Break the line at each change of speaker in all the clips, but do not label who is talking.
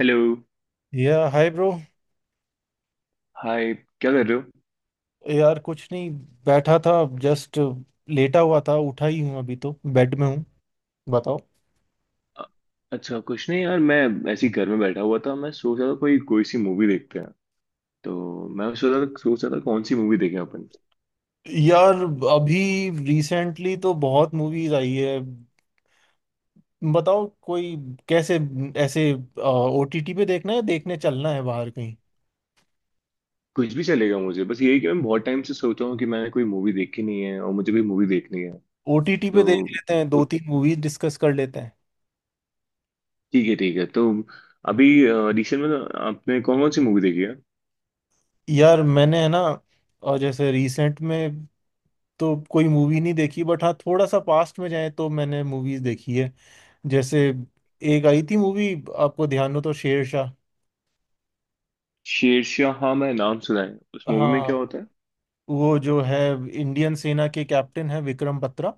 Hello.
या hi bro.
Hi. क्या कर रहे हो?
यार, कुछ नहीं। बैठा था जस्ट। लेटा हुआ था, उठा ही हूँ, अभी तो बेड में हूँ। बताओ।
अ- अच्छा, कुछ नहीं यार। मैं ऐसे ही घर में बैठा हुआ था, मैं सोच रहा था कोई कोई सी मूवी देखते हैं। तो मैं सोच रहा था कौन सी मूवी देखें अपन।
यार, अभी रिसेंटली तो बहुत मूवीज आई है। बताओ कोई। कैसे ऐसे? ओटीटी पे देखना है, देखने चलना है बाहर कहीं?
कुछ भी चलेगा, मुझे बस यही कि मैं बहुत टाइम से सोच रहा हूँ कि मैंने कोई मूवी देखी नहीं है और मुझे भी मूवी देखनी है।
ओटीटी पे देख
तो
लेते हैं,
तो
दो तीन मूवीज डिस्कस कर लेते हैं।
ठीक है, ठीक है। तो अभी रिसेंट में तो आपने कौन कौन सी मूवी देखी है?
यार, मैंने है ना, और जैसे रिसेंट में तो कोई मूवी नहीं देखी, बट हाँ, थोड़ा सा पास्ट में जाए तो मैंने मूवीज देखी है। जैसे, एक आई थी मूवी, आपको ध्यान हो तो, शेरशाह।
शेरशाह, हाँ मैं नाम सुना है। उस मूवी में
हाँ,
क्या होता है?
वो जो है, इंडियन सेना के कैप्टन है विक्रम बत्रा,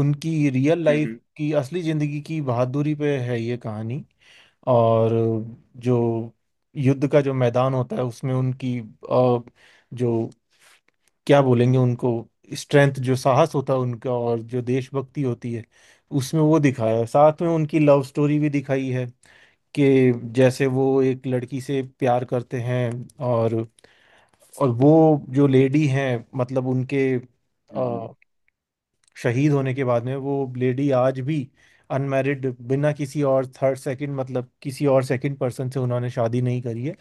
उनकी रियल लाइफ
हम्म।
की, असली जिंदगी की बहादुरी पे है ये कहानी। और जो युद्ध का जो मैदान होता है, उसमें उनकी जो, क्या बोलेंगे उनको, स्ट्रेंथ, जो साहस होता है उनका, और जो देशभक्ति होती है, उसमें वो दिखाया है। साथ में उनकी लव स्टोरी भी दिखाई है कि जैसे वो एक लड़की से प्यार करते हैं, और और वो जो लेडी हैं, मतलब उनके
हम्म। हम्म।
अ, शहीद होने के बाद में वो लेडी आज भी अनमैरिड, बिना किसी और थर्ड सेकंड, मतलब किसी और सेकंड पर्सन से उन्होंने शादी नहीं करी है।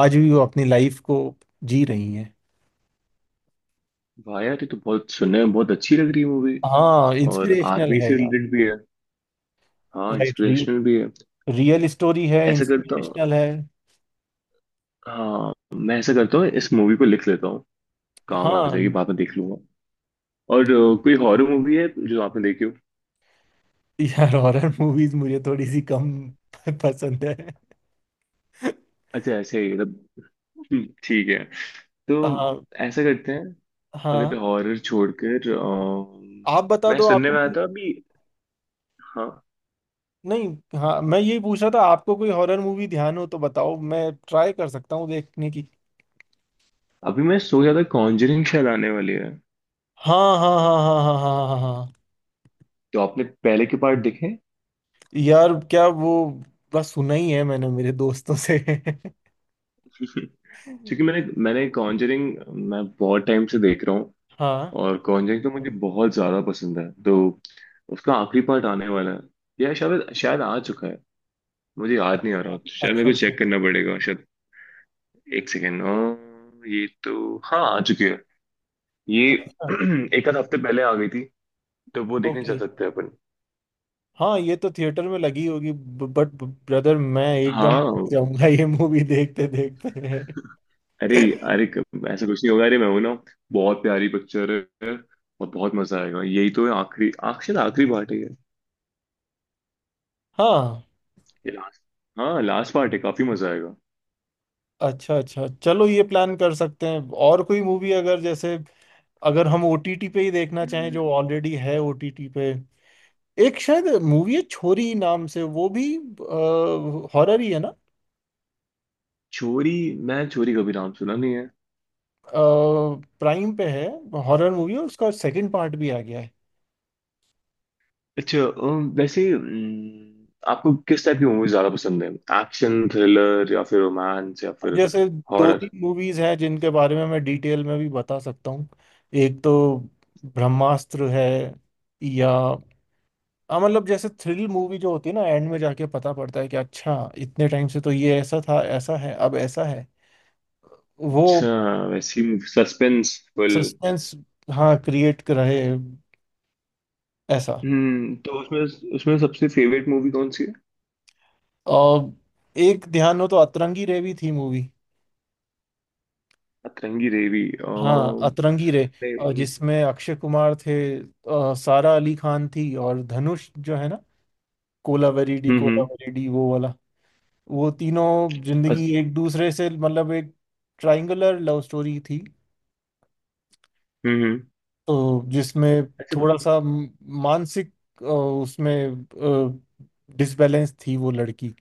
आज भी वो अपनी लाइफ को जी रही हैं।
वाह यार, ये तो बहुत सुनने में बहुत अच्छी लग रही है मूवी।
हाँ,
और
इंस्पिरेशनल
आर्मी
है
से
यार।
रिलेटेड भी है। हाँ
राइट,
इंस्पिरेशनल भी है।
रियल स्टोरी है,
ऐसा करता हूँ,
इंस्पिरेशनल है।
हाँ, मैं ऐसा करता हूँ, इस मूवी को लिख लेता हूँ, काम आ जाएगी,
हाँ,
बाद में देख लूंगा। और कोई हॉरर मूवी है जो आपने देखी हो?
यार हॉरर मूवीज मुझे थोड़ी सी कम पसंद है।
अच्छा, ऐसे ही मतलब। ठीक है। तो
हाँ,
ऐसा करते हैं,
हाँ,
अगर हॉरर छोड़कर
आप बता
मैं
दो
सुनने
आपको
में आया
कोई।
था अभी। हाँ।
नहीं, हाँ, मैं यही पूछ रहा था, आपको कोई हॉरर मूवी ध्यान हो तो बताओ, मैं ट्राई कर सकता हूँ देखने की।
अभी मैं सोच रहा था कॉन्जरिंग शायद आने वाली है,
हाँ, हाँ, हाँ, हाँ, हाँ, हाँ, हाँ, हाँ।
तो आपने पहले के पार्ट देखे?
यार, क्या वो, बस सुना ही है मैंने, मेरे दोस्तों से
क्योंकि मैंने मैंने कॉन्जरिंग मैं बहुत टाइम से देख रहा हूँ।
हाँ,
और कॉन्जरिंग तो मुझे बहुत ज्यादा पसंद है, तो उसका आखिरी पार्ट आने वाला है या शायद शायद आ चुका है। मुझे याद नहीं आ रहा, तो शायद
अच्छा,
मेरे को
अच्छा,
चेक करना पड़ेगा शायद। एक सेकेंड। ये तो, हाँ, आ चुकी है ये।
अच्छा,
एक आध हफ्ते पहले आ गई थी, तो वो देखने
ओके।
चल सकते हैं अपन।
हाँ, ये तो थिएटर में लगी होगी, बट ब्रदर मैं एकदम
हाँ।
थक जाऊंगा ये मूवी देखते देखते।
अरे। अरे ऐसा कुछ नहीं होगा, अरे मैं हूं ना। बहुत प्यारी पिक्चर है, और बहुत मजा आएगा, यही तो है, आखिरी पार्ट है ये।
हाँ,
लास्ट। हाँ, लास्ट पार्ट है, काफी मजा आएगा।
अच्छा, अच्छा, चलो ये प्लान कर सकते हैं। और कोई मूवी अगर, जैसे, अगर हम ओटीटी पे ही देखना चाहें जो ऑलरेडी है ओटीटी पे, एक शायद मूवी है छोरी नाम से, वो भी हॉरर ही है ना।
चोरी, मैं चोरी कभी नाम सुना नहीं है।
प्राइम पे है, हॉरर मूवी, और उसका सेकंड पार्ट भी आ गया है।
अच्छा। वैसे आपको किस टाइप की मूवीज ज्यादा पसंद है? एक्शन थ्रिलर, या फिर रोमांस, या फिर
जैसे, दो
हॉरर?
तीन मूवीज हैं जिनके बारे में मैं डिटेल में भी बता सकता हूँ। एक तो ब्रह्मास्त्र है, या हाँ, मतलब जैसे थ्रिल मूवी जो होती है ना, एंड में जाके पता पड़ता है कि अच्छा, इतने टाइम से तो ये ऐसा था, ऐसा है, अब ऐसा है वो।
अच्छा, वैसी सस्पेंसफुल।
सस्पेंस, हाँ, क्रिएट रहे, ऐसा।
तो उसमें उसमें सबसे फेवरेट मूवी कौन सी है?
और एक ध्यान हो तो अतरंगी रे भी थी मूवी।
अतरंगी रेवी,
हाँ, अतरंगी रे,
नहीं,
और जिसमें अक्षय कुमार थे, सारा अली खान थी, और धनुष जो है ना, कोलावेरी
हम्म। हम्म।
कोलावेरी वो वाला। वो तीनों जिंदगी
अच-
एक दूसरे से, मतलब एक ट्रायंगुलर लव स्टोरी थी।
हम्म,
तो जिसमें
अच्छा।
थोड़ा सा मानसिक उसमें डिसबैलेंस थी वो लड़की।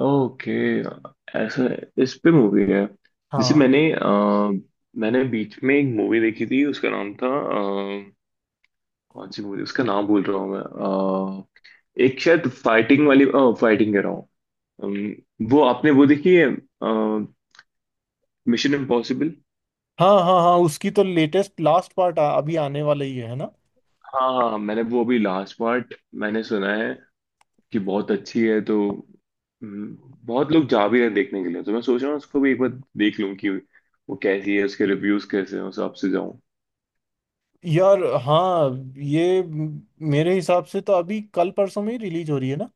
ओके, ऐसा। इस पे मूवी है। जैसे
हाँ,
मैंने मैंने बीच में एक मूवी देखी थी, उसका नाम था, कौन सी मूवी, उसका नाम भूल रहा हूँ मैं। एक शायद फाइटिंग वाली, फाइटिंग कह रहा हूँ। वो आपने वो देखी है, मिशन इम्पॉसिबल?
हाँ, हाँ, हाँ, उसकी तो लेटेस्ट लास्ट पार्ट अभी आने वाला ही है ना।
हाँ हाँ, मैंने वो अभी लास्ट पार्ट, मैंने सुना है कि बहुत अच्छी है। तो, हम्म, बहुत लोग जा भी रहे हैं देखने के लिए, तो मैं सोच रहा हूँ उसको भी एक बार देख लूँ कि वो कैसी है, उसके रिव्यूज कैसे हैं, उस हिसाब से जाऊँ।
यार हाँ, ये मेरे हिसाब से तो अभी कल परसों में ही रिलीज हो रही है ना।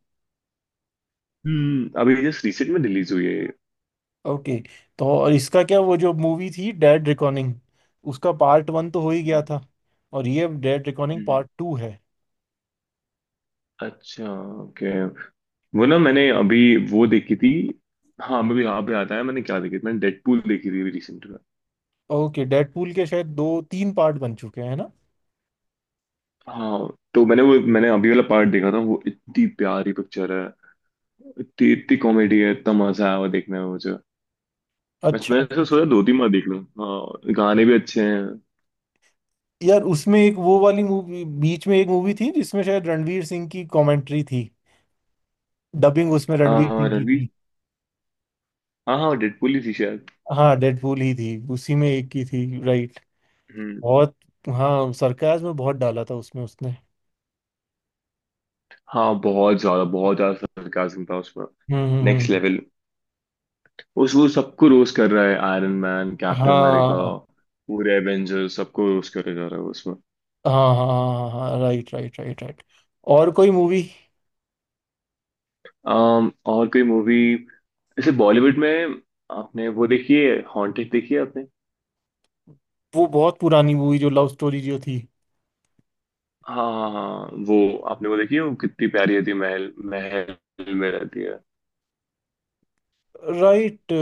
अभी जस्ट रिसेंट में रिलीज हुई है ये।
ओके। तो और इसका क्या, वो जो मूवी थी डेड रिकॉर्डिंग, उसका पार्ट वन तो हो ही गया
हम्म।
था, और ये डेड रिकॉर्डिंग
हम्म।
पार्ट टू है।
अच्छा। ओके, वो ना मैंने अभी वो देखी थी। हाँ, मैं भी यहाँ पे आता है मैंने क्या देखी थी? मैंने डेडपूल देखी थी अभी रिसेंट में।
ओके। डेडपूल के शायद दो तीन पार्ट बन चुके हैं ना।
हाँ, तो मैंने वो, मैंने अभी वाला पार्ट देखा था, वो इतनी प्यारी पिक्चर है, इतनी इतनी कॉमेडी है, इतना मजा आया वो देखने में मुझे। मैं
अच्छा,
मैंने तो
अच्छा।
सोचा दो तीन बार देख लूँ, हाँ गाने भी अच्छे हैं।
यार उसमें एक, वो वाली मूवी बीच में एक मूवी थी जिसमें शायद रणवीर सिंह की कमेंट्री थी, डबिंग उसमें रणवीर
हाँ
सिंह की
रणवीर,
थी।
हाँ हाँ डेडपूल ही थी शायद।
हाँ, डेडपूल ही थी, उसी में एक की थी, राइट।
हम्म।
बहुत, हाँ, सरकाज में बहुत डाला था उसमें उसने।
हाँ, बहुत ज्यादा सरकास्म था उसमें।
हम्म, हम्म,
नेक्स्ट लेवल। उस वो सबको रोस्ट कर रहा है, आयरन मैन, कैप्टन अमेरिका,
हाँ,
पूरे एवेंजर्स, सबको रोस्ट करे जा रहा है उसमें।
हाँ, हाँ, हाँ, राइट, राइट, राइट, राइट। और कोई मूवी।
और कोई मूवी, जैसे बॉलीवुड में, आपने वो देखी है, हॉन्टेड, देखी है आपने?
वो बहुत पुरानी मूवी, जो लव स्टोरी जो थी।
हाँ हाँ हाँ, वो आपने वो देखी है, वो कितनी प्यारी होती है, महल, महल में रहती है।
राइट।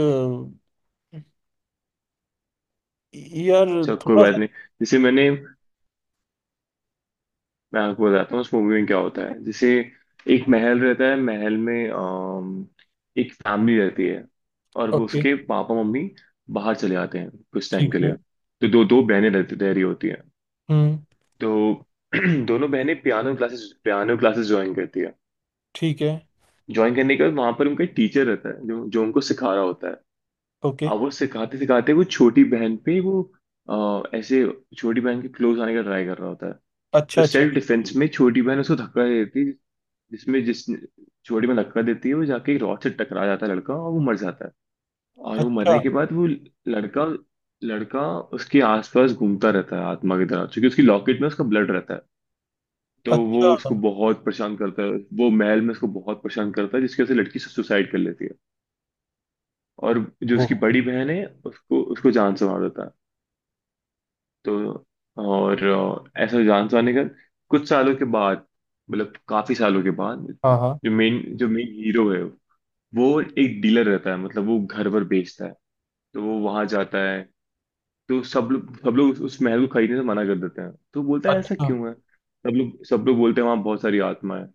यार,
चलो कोई
थोड़ा
बात
सा।
नहीं। जैसे मैंने मैं आपको बताता हूँ उस मूवी में क्या होता है। जैसे एक महल रहता है, महल में एक फैमिली रहती है। और वो
ओके।
उसके पापा मम्मी बाहर चले जाते हैं कुछ टाइम
ठीक
के लिए।
है।
तो दो दो बहनें रहती रह रही होती हैं।
हम्म,
तो दोनों बहनें पियानो क्लासेस ज्वाइन करती है।
ठीक है।
ज्वाइन करने के बाद वहां पर उनका टीचर रहता है, जो जो उनको सिखा रहा होता है।
ओके।
अब वो सिखाते सिखाते वो छोटी बहन पे, वो ऐसे छोटी बहन के क्लोज आने का ट्राई कर रहा होता है। तो
अच्छा, अच्छा,
सेल्फ डिफेंस में छोटी बहन उसको धक्का दे देती है, जिसमें जिस चोटी में धक्का देती है, वो जाके एक रॉड से टकरा जाता है लड़का, और वो मर जाता है। और वो
अच्छा,
मरने के बाद वो लड़का, लड़का उसके आसपास घूमता रहता है आत्मा की तरह, क्योंकि उसकी लॉकेट में उसका ब्लड रहता है, तो वो
अच्छा,
उसको बहुत परेशान करता है। वो महल में उसको बहुत परेशान करता है, जिसकी वजह से लड़की सुसाइड कर लेती है। और जो
हो,
उसकी बड़ी बहन है उसको उसको जान से मार देता है। तो और ऐसा जान से मारने का, कुछ सालों के बाद, मतलब काफी सालों के बाद,
हाँ, हाँ,
जो मेन, हीरो है, वो एक डीलर रहता है, मतलब वो घर पर बेचता है। तो वो वहां जाता है। तो सब लोग उस महल को खरीदने से मना कर देते हैं, तो बोलता है ऐसा
अच्छा,
क्यों है। सब लोग बोलते हैं वहां बहुत सारी आत्मा है।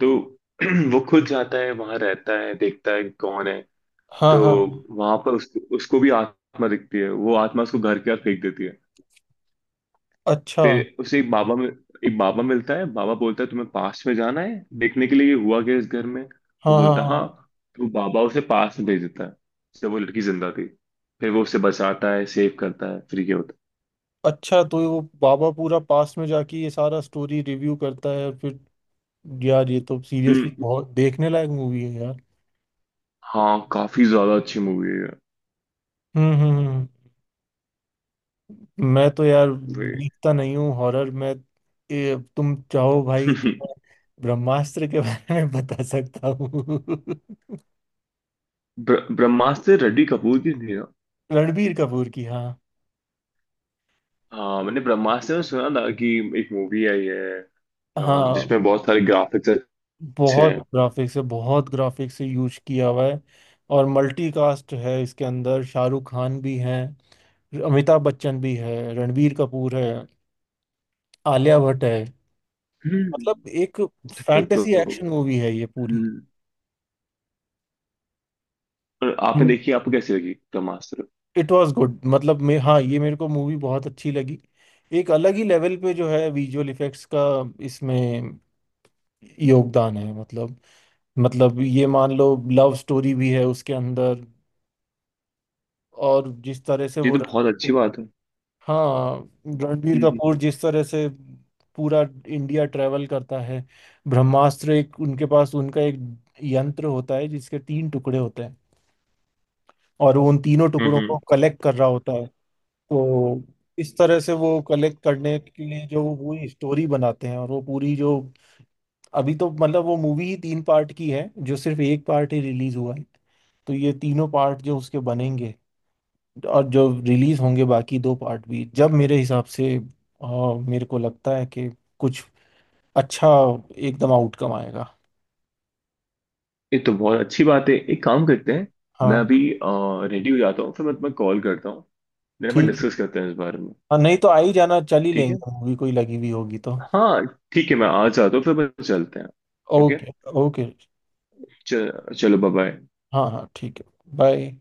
तो वो खुद जाता है वहां, रहता है, देखता है कौन है।
हाँ,
तो
हाँ,
वहां पर उसको उसको भी आत्मा दिखती है, वो आत्मा उसको घर के बाहर फेंक देती है।
अच्छा,
फिर उसे एक बाबा मिलता है। बाबा बोलता है तुम्हें पास में जाना है देखने के लिए ये हुआ क्या इस घर में।
हाँ,
वो
हाँ,
बोलता
हाँ,
है,
हाँ।
हाँ। तो बाबा उसे पास में भेज देता है, जब वो लड़की जिंदा थी। फिर वो उसे बचाता है, सेव करता है, फिर क्या होता
अच्छा, तो वो बाबा पूरा पास्ट में जाके ये सारा स्टोरी रिव्यू करता है और फिर, यार ये तो
है।
सीरियसली बहुत देखने लायक मूवी है यार।
हाँ काफी ज्यादा अच्छी मूवी है ये।
हम्म, हम्म, मैं तो यार
वे।
देखता नहीं हूँ हॉरर मैं। ए, तुम चाहो भाई तो मैं ब्रह्मास्त्र के बारे में बता सकता हूँ।
ब्रह्मास्त्र रेडी कपूर की थी ना?
रणबीर कपूर की, हाँ।
हाँ मैंने ब्रह्मास्त्र में सुना था कि एक मूवी आई है,
हाँ,
जिसमें बहुत सारे ग्राफिक्स अच्छे
बहुत
हैं।
ग्राफिक्स है, बहुत ग्राफिक्स से यूज किया हुआ है, और मल्टीकास्ट है। इसके अंदर शाहरुख खान भी हैं, अमिताभ बच्चन भी है, रणबीर कपूर है, आलिया भट्ट है। मतलब
हम्म,
एक
फिर तो।
फैंटेसी एक्शन मूवी है ये पूरी।
हम्म। और आपने देखी, आपको कैसी लगी ब्रह्मास्त्र?
इट वाज गुड, मतलब मैं, हाँ, ये मेरे को मूवी बहुत अच्छी लगी। एक अलग ही लेवल पे जो है विजुअल इफेक्ट्स का, इसमें योगदान है। मतलब ये मान लो, लव स्टोरी भी है उसके अंदर। और जिस तरह से
ये
वो
तो बहुत
रणबीर,
अच्छी बात है।
हाँ, रणबीर
हम्म।
कपूर जिस तरह से पूरा इंडिया ट्रेवल करता है। ब्रह्मास्त्र एक, उनके पास उनका एक यंत्र होता है जिसके तीन टुकड़े होते हैं, और वो उन तीनों
हम्म।
टुकड़ों को कलेक्ट कर रहा होता है। तो इस तरह से वो कलेक्ट करने के लिए जो वो पूरी स्टोरी बनाते हैं, और वो पूरी जो, अभी तो मतलब वो मूवी ही तीन पार्ट की है, जो सिर्फ एक पार्ट ही रिलीज हुआ है। तो ये तीनों पार्ट जो उसके बनेंगे और जो रिलीज होंगे बाकी दो पार्ट भी, जब मेरे हिसाब से अ, मेरे को लगता है कि कुछ अच्छा एकदम आउटकम आएगा।
ये तो बहुत अच्छी बात है, एक काम करते हैं। मैं
हाँ,
अभी रेडी हो जाता हूँ, फिर मैं तुम्हें कॉल करता हूँ। मेरे पास
ठीक है।
डिस्कस करते हैं इस बारे में।
हाँ, नहीं तो आ ही जाना, चल ही
ठीक है।
लेंगे मूवी कोई लगी हुई होगी तो।
हाँ ठीक है, मैं आ जाता हूँ फिर अपन चलते हैं। ओके।
ओके। ओके।
चल, चलो बाय बाय।
हाँ, हाँ, ठीक है। बाय।